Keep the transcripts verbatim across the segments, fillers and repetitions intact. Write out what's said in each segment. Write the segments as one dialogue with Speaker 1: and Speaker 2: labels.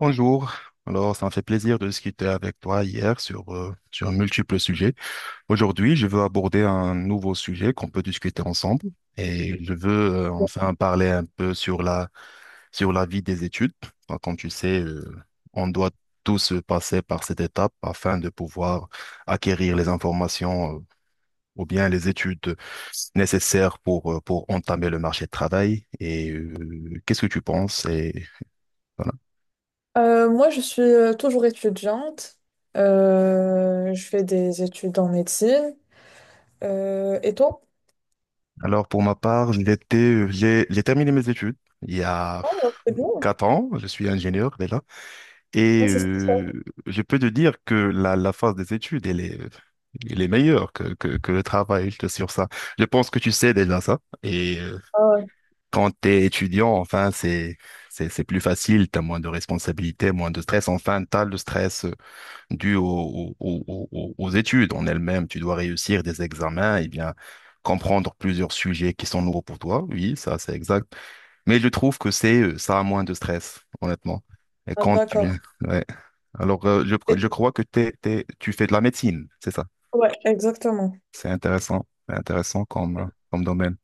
Speaker 1: Bonjour. Alors, ça me fait plaisir de discuter avec toi hier sur, euh, sur un multiple sujet. Aujourd'hui, je veux aborder un nouveau sujet qu'on peut discuter ensemble et je veux euh, enfin parler un peu sur la, sur la vie des études. Enfin, comme tu sais, euh, on doit tous passer par cette étape afin de pouvoir acquérir les informations euh, ou bien les études nécessaires pour, euh, pour entamer le marché de travail. Et euh, qu'est-ce que tu penses? Et voilà.
Speaker 2: Euh, moi, je suis euh, toujours étudiante. Euh, je fais des études en médecine. Euh, et toi?
Speaker 1: Alors pour ma part, j'étais- j'ai j'ai terminé mes études il y a
Speaker 2: Ah, c'est bien.
Speaker 1: quatre ans, je suis ingénieur déjà,
Speaker 2: Ah,
Speaker 1: et
Speaker 2: c'est super.
Speaker 1: euh, je peux te dire que la, la phase des études, elle est, elle est meilleure que, que, que le travail, je t'assure ça. Je pense que tu sais déjà ça, et euh,
Speaker 2: Ah, ouais.
Speaker 1: quand tu es étudiant, enfin, c'est, c'est, c'est plus facile, tu as moins de responsabilités, moins de stress, enfin, tu as le stress euh, dû aux aux aux au- aux études en elles-mêmes. Tu dois réussir des examens et bien comprendre plusieurs sujets qui sont nouveaux pour toi. Oui, ça, c'est exact. Mais je trouve que c'est euh, ça a moins de stress, honnêtement. Et
Speaker 2: Ah,
Speaker 1: quand tu...
Speaker 2: d'accord.
Speaker 1: Ouais. Alors, euh, je,
Speaker 2: Et-
Speaker 1: je crois que t'es, t'es- tu fais de la médecine, c'est ça.
Speaker 2: Ouais, exactement.
Speaker 1: C'est intéressant. C'est intéressant comme, euh, comme domaine.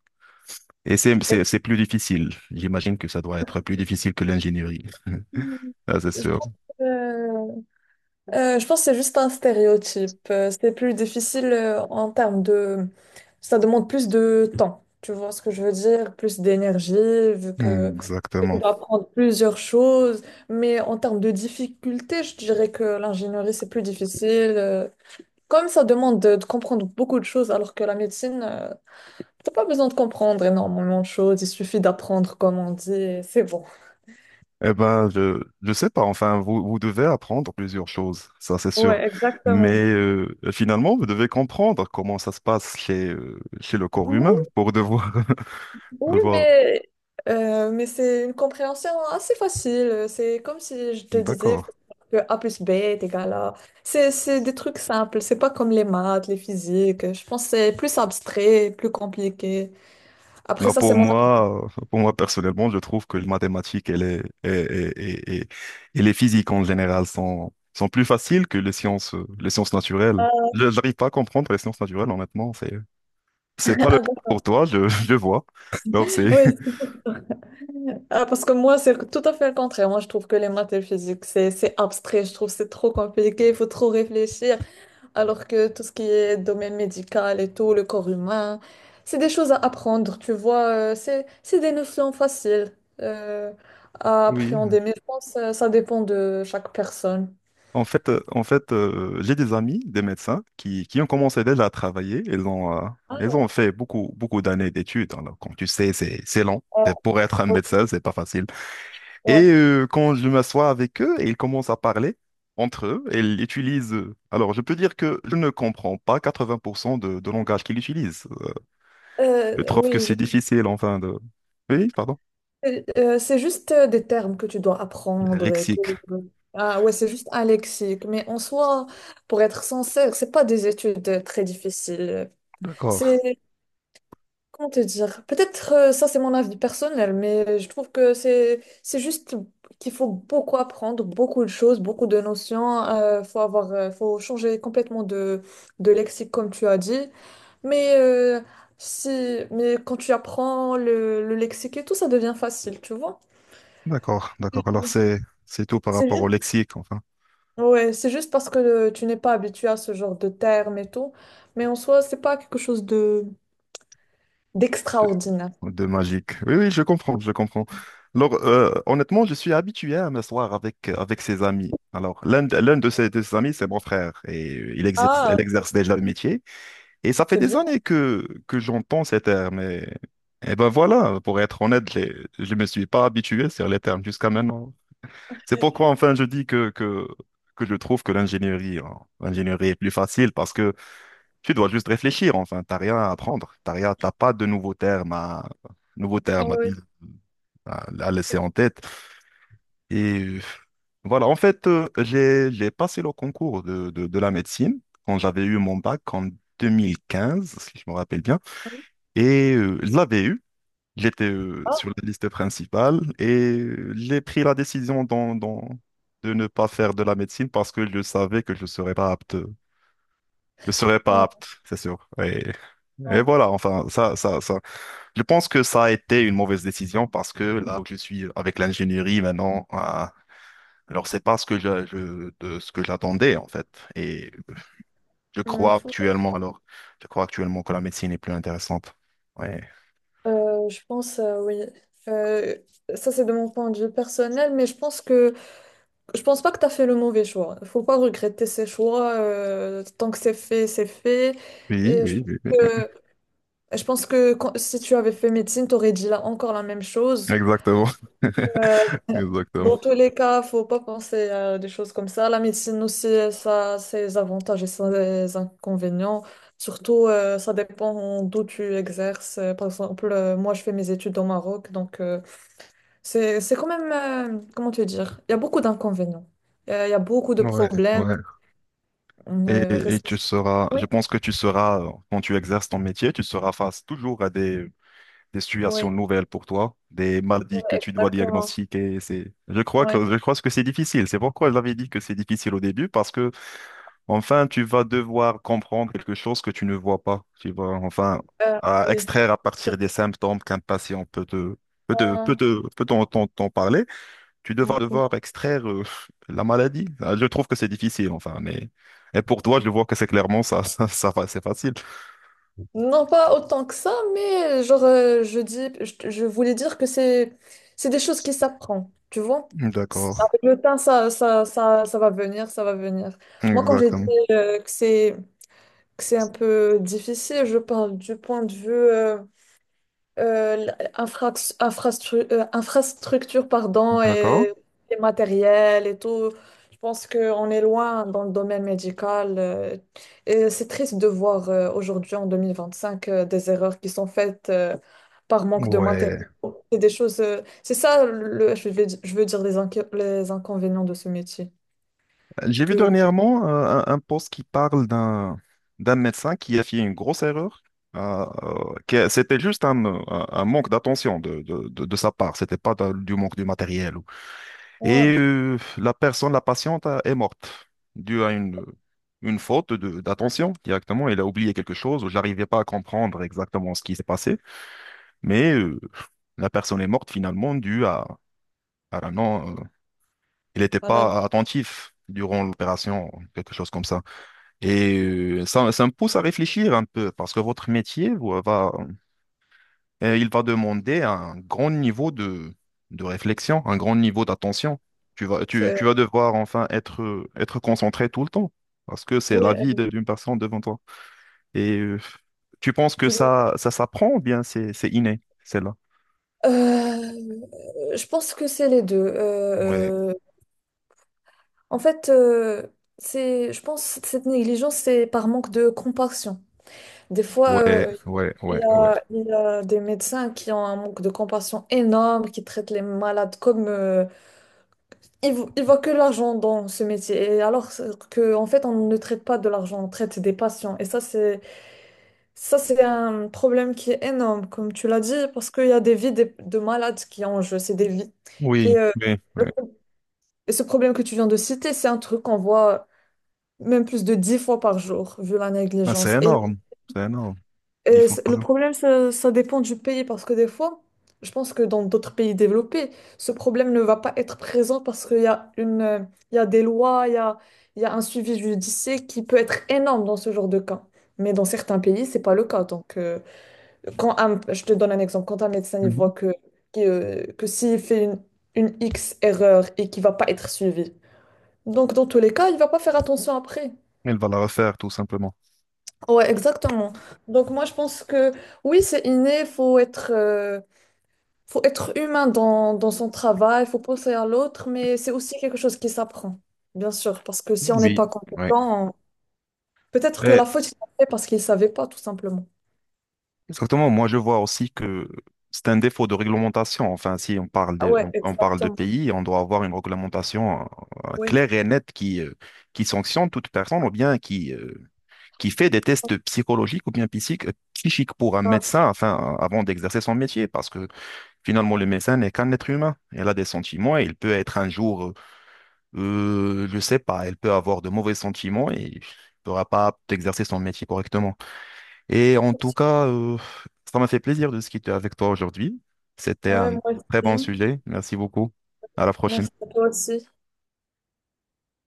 Speaker 1: Et c'est,
Speaker 2: Et
Speaker 1: c'est, c'est plus difficile. J'imagine que ça doit être plus difficile que l'ingénierie. Ah, c'est
Speaker 2: je
Speaker 1: sûr.
Speaker 2: pense Euh, je pense que c'est juste un stéréotype. Euh, c'est plus difficile euh, en termes de... Ça demande plus de temps. Tu vois ce que je veux dire? Plus d'énergie, vu
Speaker 1: Mm,
Speaker 2: que tu
Speaker 1: exactement.
Speaker 2: dois apprendre plusieurs choses. Mais en termes de difficulté, je dirais que l'ingénierie, c'est plus difficile. Euh, Comme ça demande de, de comprendre beaucoup de choses, alors que la médecine, euh, t'as pas besoin de comprendre énormément de choses. Il suffit d'apprendre, comme on dit, et c'est bon.
Speaker 1: Eh ben, je je sais pas. Enfin, vous vous devez apprendre plusieurs choses, ça c'est
Speaker 2: Ouais,
Speaker 1: sûr. Mais
Speaker 2: exactement.
Speaker 1: euh, finalement, vous devez comprendre comment ça se passe chez euh, chez le corps humain pour devoir
Speaker 2: Oui,
Speaker 1: devoir.
Speaker 2: mais, euh, mais c'est une compréhension assez facile. C'est comme si je te disais
Speaker 1: D'accord.
Speaker 2: que A plus B est égal à... C'est, c'est des trucs simples. C'est pas comme les maths, les physiques. Je pense que c'est plus abstrait, plus compliqué. Après
Speaker 1: Non,
Speaker 2: ça, c'est
Speaker 1: pour
Speaker 2: mon...
Speaker 1: moi, euh, pour moi personnellement, je trouve que les mathématiques et les et, et, et, et- et les physiques en général sont sont plus faciles que les sciences euh, les sciences naturelles.
Speaker 2: Ah,
Speaker 1: Je n'arrive pas à comprendre les sciences naturelles, honnêtement. C'est c'est pas le
Speaker 2: ah,
Speaker 1: cas
Speaker 2: bon.
Speaker 1: pour toi, je je vois. Alors c'est
Speaker 2: Oui, c'est- ah, parce que moi, c'est tout à fait le contraire. Moi, je trouve que les maths et le physique, c'est, c'est abstrait. Je trouve que c'est trop compliqué. Il faut trop réfléchir. Alors que tout ce qui est domaine médical et tout, le corps humain, c'est des choses à apprendre, tu vois, euh, c'est, c'est des notions faciles euh, à
Speaker 1: oui.
Speaker 2: appréhender, mais je pense que ça dépend de chaque personne.
Speaker 1: En fait, euh, en fait, euh, j'ai des amis, des médecins, qui, qui ont commencé déjà à travailler. Ils ont, euh,
Speaker 2: Ah,
Speaker 1: ils ont fait beaucoup, beaucoup d'années d'études. Alors, comme tu sais, c'est, c'est long.
Speaker 2: euh,
Speaker 1: Et pour être un
Speaker 2: ouais,
Speaker 1: médecin, c'est pas facile.
Speaker 2: ouais.
Speaker 1: Et euh, quand je m'assois avec eux, ils commencent à parler entre eux. Ils utilisent. euh, Alors, je peux dire que je ne comprends pas quatre-vingts pour cent de, de langage qu'ils utilisent. Euh, Je
Speaker 2: Euh,
Speaker 1: trouve que
Speaker 2: oui, je-
Speaker 1: c'est difficile, enfin, de. Oui, pardon.
Speaker 2: euh, c'est juste euh, des termes que tu dois
Speaker 1: Le
Speaker 2: apprendre et
Speaker 1: lexique.
Speaker 2: tout. Ah ouais, c'est juste un lexique, mais en soi, pour être sincère, c'est pas des études euh, très difficiles.
Speaker 1: D'accord,
Speaker 2: Comment te dire? Peut-être euh, ça c'est mon avis personnel, mais je trouve que c'est c'est juste qu'il faut beaucoup apprendre, beaucoup de choses, beaucoup de notions. Euh, faut avoir, euh, faut changer complètement de, de lexique comme tu as dit. Mais euh, si, mais quand tu apprends le, le lexique et tout, ça devient facile, tu vois?
Speaker 1: d'accord, d'accord. Alors, c'est, c'est tout par
Speaker 2: C'est
Speaker 1: rapport
Speaker 2: juste,
Speaker 1: au lexique, enfin.
Speaker 2: ouais, c'est juste parce que euh, tu n'es pas habitué à ce genre de termes et tout. Mais en soi, c'est pas quelque chose de d'extraordinaire.
Speaker 1: De magique. Oui, oui, je comprends, je comprends. Alors, euh, honnêtement, je suis habitué à m'asseoir avec, euh, avec ses amis. Alors, l'un de, l'un de ses, de ses amis, c'est mon frère, et il exerce,
Speaker 2: Ah,
Speaker 1: elle exerce déjà le métier. Et ça fait
Speaker 2: c'est
Speaker 1: des
Speaker 2: bien.
Speaker 1: années que, que j'entends ces termes. Et, et ben voilà, pour être honnête, je je ne me suis pas habitué sur les termes jusqu'à maintenant. C'est pourquoi, enfin, je dis que, que, que je trouve que l'ingénierie, hein, l'ingénierie est plus facile, parce que tu dois juste réfléchir, enfin, t'as rien à apprendre, t'as rien, t'as pas de nouveaux termes à, nouveaux termes à dire, à, à laisser en tête. Et euh, voilà, en fait, euh, j'ai, j'ai passé le concours de, de, de la médecine quand j'avais eu mon bac en deux mille quinze, si je me rappelle bien, et euh, je l'avais eu. J'étais euh,
Speaker 2: Ah,
Speaker 1: sur la liste principale et euh, j'ai pris la décision d'en- d'en- de ne pas faire de la médecine parce que je savais que je ne serais pas apte. Je serais pas
Speaker 2: ouais.
Speaker 1: apte, c'est sûr. Et voilà, enfin, ça, ça, ça. Je pense que ça a été une mauvaise décision parce que là où je suis avec l'ingénierie maintenant, euh, alors c'est pas ce que je, je- de ce que j'attendais en fait. Et je
Speaker 2: Hum,
Speaker 1: crois actuellement, alors, je crois actuellement que la médecine est plus intéressante. Ouais.
Speaker 2: Euh, je pense, euh, oui. Euh, Ça, c'est de mon point de vue personnel, mais je pense que je pense pas que tu as fait le mauvais choix. Il faut pas regretter ses choix. Euh, tant que c'est fait, c'est fait.
Speaker 1: Oui,
Speaker 2: Et je
Speaker 1: oui,
Speaker 2: pense
Speaker 1: oui, oui.
Speaker 2: que, je pense que quand- si tu avais fait médecine, tu aurais dit là, encore la même chose.
Speaker 1: Exactement.
Speaker 2: Euh,
Speaker 1: Exactement.
Speaker 2: Dans tous les cas, faut pas penser à des choses comme ça. La médecine aussi, euh, ça a ses avantages et ses inconvénients. Surtout, euh, ça dépend d'où tu exerces. Euh, Par exemple, euh, moi, je fais mes études au Maroc, donc euh, c'est c'est quand même, euh, comment te dire, il y a beaucoup d'inconvénients. Euh, Il y a beaucoup de
Speaker 1: Ouais,
Speaker 2: problèmes.
Speaker 1: ouais.
Speaker 2: Euh,
Speaker 1: Et, et
Speaker 2: rest-
Speaker 1: tu seras,
Speaker 2: Oui,
Speaker 1: je pense que tu seras, quand tu exerces ton métier, tu seras face toujours à des des situations
Speaker 2: oui,
Speaker 1: nouvelles pour toi, des
Speaker 2: ouais,
Speaker 1: maladies que tu dois
Speaker 2: exactement.
Speaker 1: diagnostiquer. C'est, je crois
Speaker 2: Ouais.
Speaker 1: que, je crois que c'est difficile. C'est pourquoi j'avais dit que c'est difficile au début, parce que, enfin, tu vas devoir comprendre quelque chose que tu ne vois pas. Tu vas, enfin,
Speaker 2: Euh,
Speaker 1: à
Speaker 2: oui.
Speaker 1: extraire à partir des symptômes qu'un patient peut te, peut te, peut te, peut t'en, t'en- t'en parler. Tu devras
Speaker 2: Euh,
Speaker 1: devoir extraire, euh, la maladie. Ah, je trouve que c'est difficile, enfin, mais, et pour toi, je vois que c'est clairement ça, ça, ça, c'est facile.
Speaker 2: Non, pas autant que ça, mais genre, euh, je dis, je, je voulais dire que c'est, c'est des choses qui s'apprennent, tu vois. C'est-
Speaker 1: D'accord.
Speaker 2: Avec le temps, ça, ça, ça, ça va venir, ça va venir. Moi, quand j'ai dit
Speaker 1: Exactement.
Speaker 2: euh, que c'est, que c'est un peu difficile, je parle du point de vue euh, euh, l'infrax- infrastru- euh, infrastructure pardon,
Speaker 1: D'accord.
Speaker 2: et les matériels et tout. Je pense qu'on est loin dans le domaine médical. Euh, et c'est triste de voir euh, aujourd'hui, en deux mille vingt-cinq, euh, des erreurs qui sont faites euh, par manque de matériaux.
Speaker 1: Ouais.
Speaker 2: C'est des choses, euh, c'est ça, le, je vais, di- je veux dire, les, inqui- les inconvénients de ce métier.
Speaker 1: J'ai vu
Speaker 2: Que,
Speaker 1: dernièrement euh, un, un post qui parle d'un d'un médecin qui a fait une grosse erreur. euh, euh, que c'était juste un, un- un manque d'attention de, de, de- de sa part. C'était pas d'un- du manque du matériel. Ou-
Speaker 2: ouais,
Speaker 1: Et euh, la personne, la patiente, euh, est morte due à une, une faute de- d'attention directement. Elle a oublié quelque chose. Je n'arrivais pas à comprendre exactement ce qui s'est passé. Mais euh, la personne est morte finalement due à, à la non. euh, il n'était
Speaker 2: voilà,
Speaker 1: pas attentif durant l'opération, quelque chose comme ça. Et euh, ça, ça me pousse à réfléchir un peu, parce que votre métier vous, va, euh, il va demander un grand niveau de, de réflexion, un grand niveau d'attention. Tu vas, tu,
Speaker 2: c'est-
Speaker 1: tu
Speaker 2: euh,
Speaker 1: vas devoir enfin être, euh, être concentré tout le temps, parce que c'est
Speaker 2: oui,
Speaker 1: la vie de- d'une personne devant toi. Et euh, tu penses que
Speaker 2: tu-
Speaker 1: ça, ça s'apprend ou bien c'est, c'est inné, celle-là?
Speaker 2: Euh, je pense que c'est les deux.
Speaker 1: Ouais,
Speaker 2: Euh, En fait, euh, c'est, je pense que cette négligence, c'est par manque de compassion. Des fois,
Speaker 1: ouais,
Speaker 2: euh,
Speaker 1: ouais,
Speaker 2: il y
Speaker 1: ouais, ouais.
Speaker 2: a, il y a des médecins qui ont un manque de compassion énorme, qui traitent les malades comme... euh, ils, vo- ils voient que l'argent dans ce métier. Et alors que, en fait, on ne traite pas de l'argent, on traite des patients. Et ça, c'est, ça, c'est un problème qui est énorme, comme tu l'as dit, parce qu'il y a des vies des- de malades qui ont en jeu, c'est des vies. Et,
Speaker 1: Oui,
Speaker 2: euh,
Speaker 1: oui, oui.
Speaker 2: le pro- et ce problème que tu viens de citer, c'est un truc qu'on voit même plus de dix fois par jour, vu la
Speaker 1: Ah, c'est
Speaker 2: négligence. Et,
Speaker 1: énorme, c'est énorme. Il
Speaker 2: et
Speaker 1: faut.
Speaker 2: c- le problème, ça, ça dépend du pays, parce que des fois, je pense que dans d'autres pays développés, ce problème ne va pas être présent parce qu'il y a une, euh, il y a des lois, il y a, il y a un suivi judiciaire qui peut être énorme dans ce genre de cas. Mais dans certains pays, c'est pas le cas. Donc, euh, quand un- je te donne un exemple, quand un médecin il voit
Speaker 1: Mhm.
Speaker 2: que, que, euh, que s'il fait une, une X erreur et qu'il va pas être suivi, donc dans tous les cas, il va pas faire attention après.
Speaker 1: Il va la refaire, tout simplement.
Speaker 2: Ouais, exactement. Donc moi, je pense que oui, c'est inné, faut être, euh, faut être humain dans, dans son travail, faut penser à l'autre, mais c'est aussi quelque chose qui s'apprend, bien sûr, parce que si on n'est pas
Speaker 1: Oui, oui.
Speaker 2: compétent, on- peut-être que la faute, il l'a fait parce qu'il ne savait pas, tout simplement.
Speaker 1: Exactement. Moi, je vois aussi que c'est un défaut de réglementation. Enfin, si on parle
Speaker 2: Ah
Speaker 1: de,
Speaker 2: ouais,
Speaker 1: on, on parle de
Speaker 2: exactement.
Speaker 1: pays, on doit avoir une réglementation euh,
Speaker 2: Oui.
Speaker 1: claire et nette qui, euh, qui sanctionne toute personne ou bien qui, euh, qui fait des tests psychologiques ou bien psychiques, psychiques pour un
Speaker 2: Ah,
Speaker 1: médecin enfin, avant d'exercer son métier. Parce que finalement, le médecin n'est qu'un être humain. Elle a des sentiments et il peut être un jour, euh, euh, je sais pas, elle peut avoir de mauvais sentiments et ne pourra pas exercer son métier correctement. Et en tout cas, euh, ça m'a fait plaisir de discuter avec toi aujourd'hui. C'était
Speaker 2: ouais,
Speaker 1: un
Speaker 2: moi
Speaker 1: très bon
Speaker 2: aussi.
Speaker 1: sujet. Merci beaucoup. À la
Speaker 2: Merci
Speaker 1: prochaine.
Speaker 2: à toi aussi.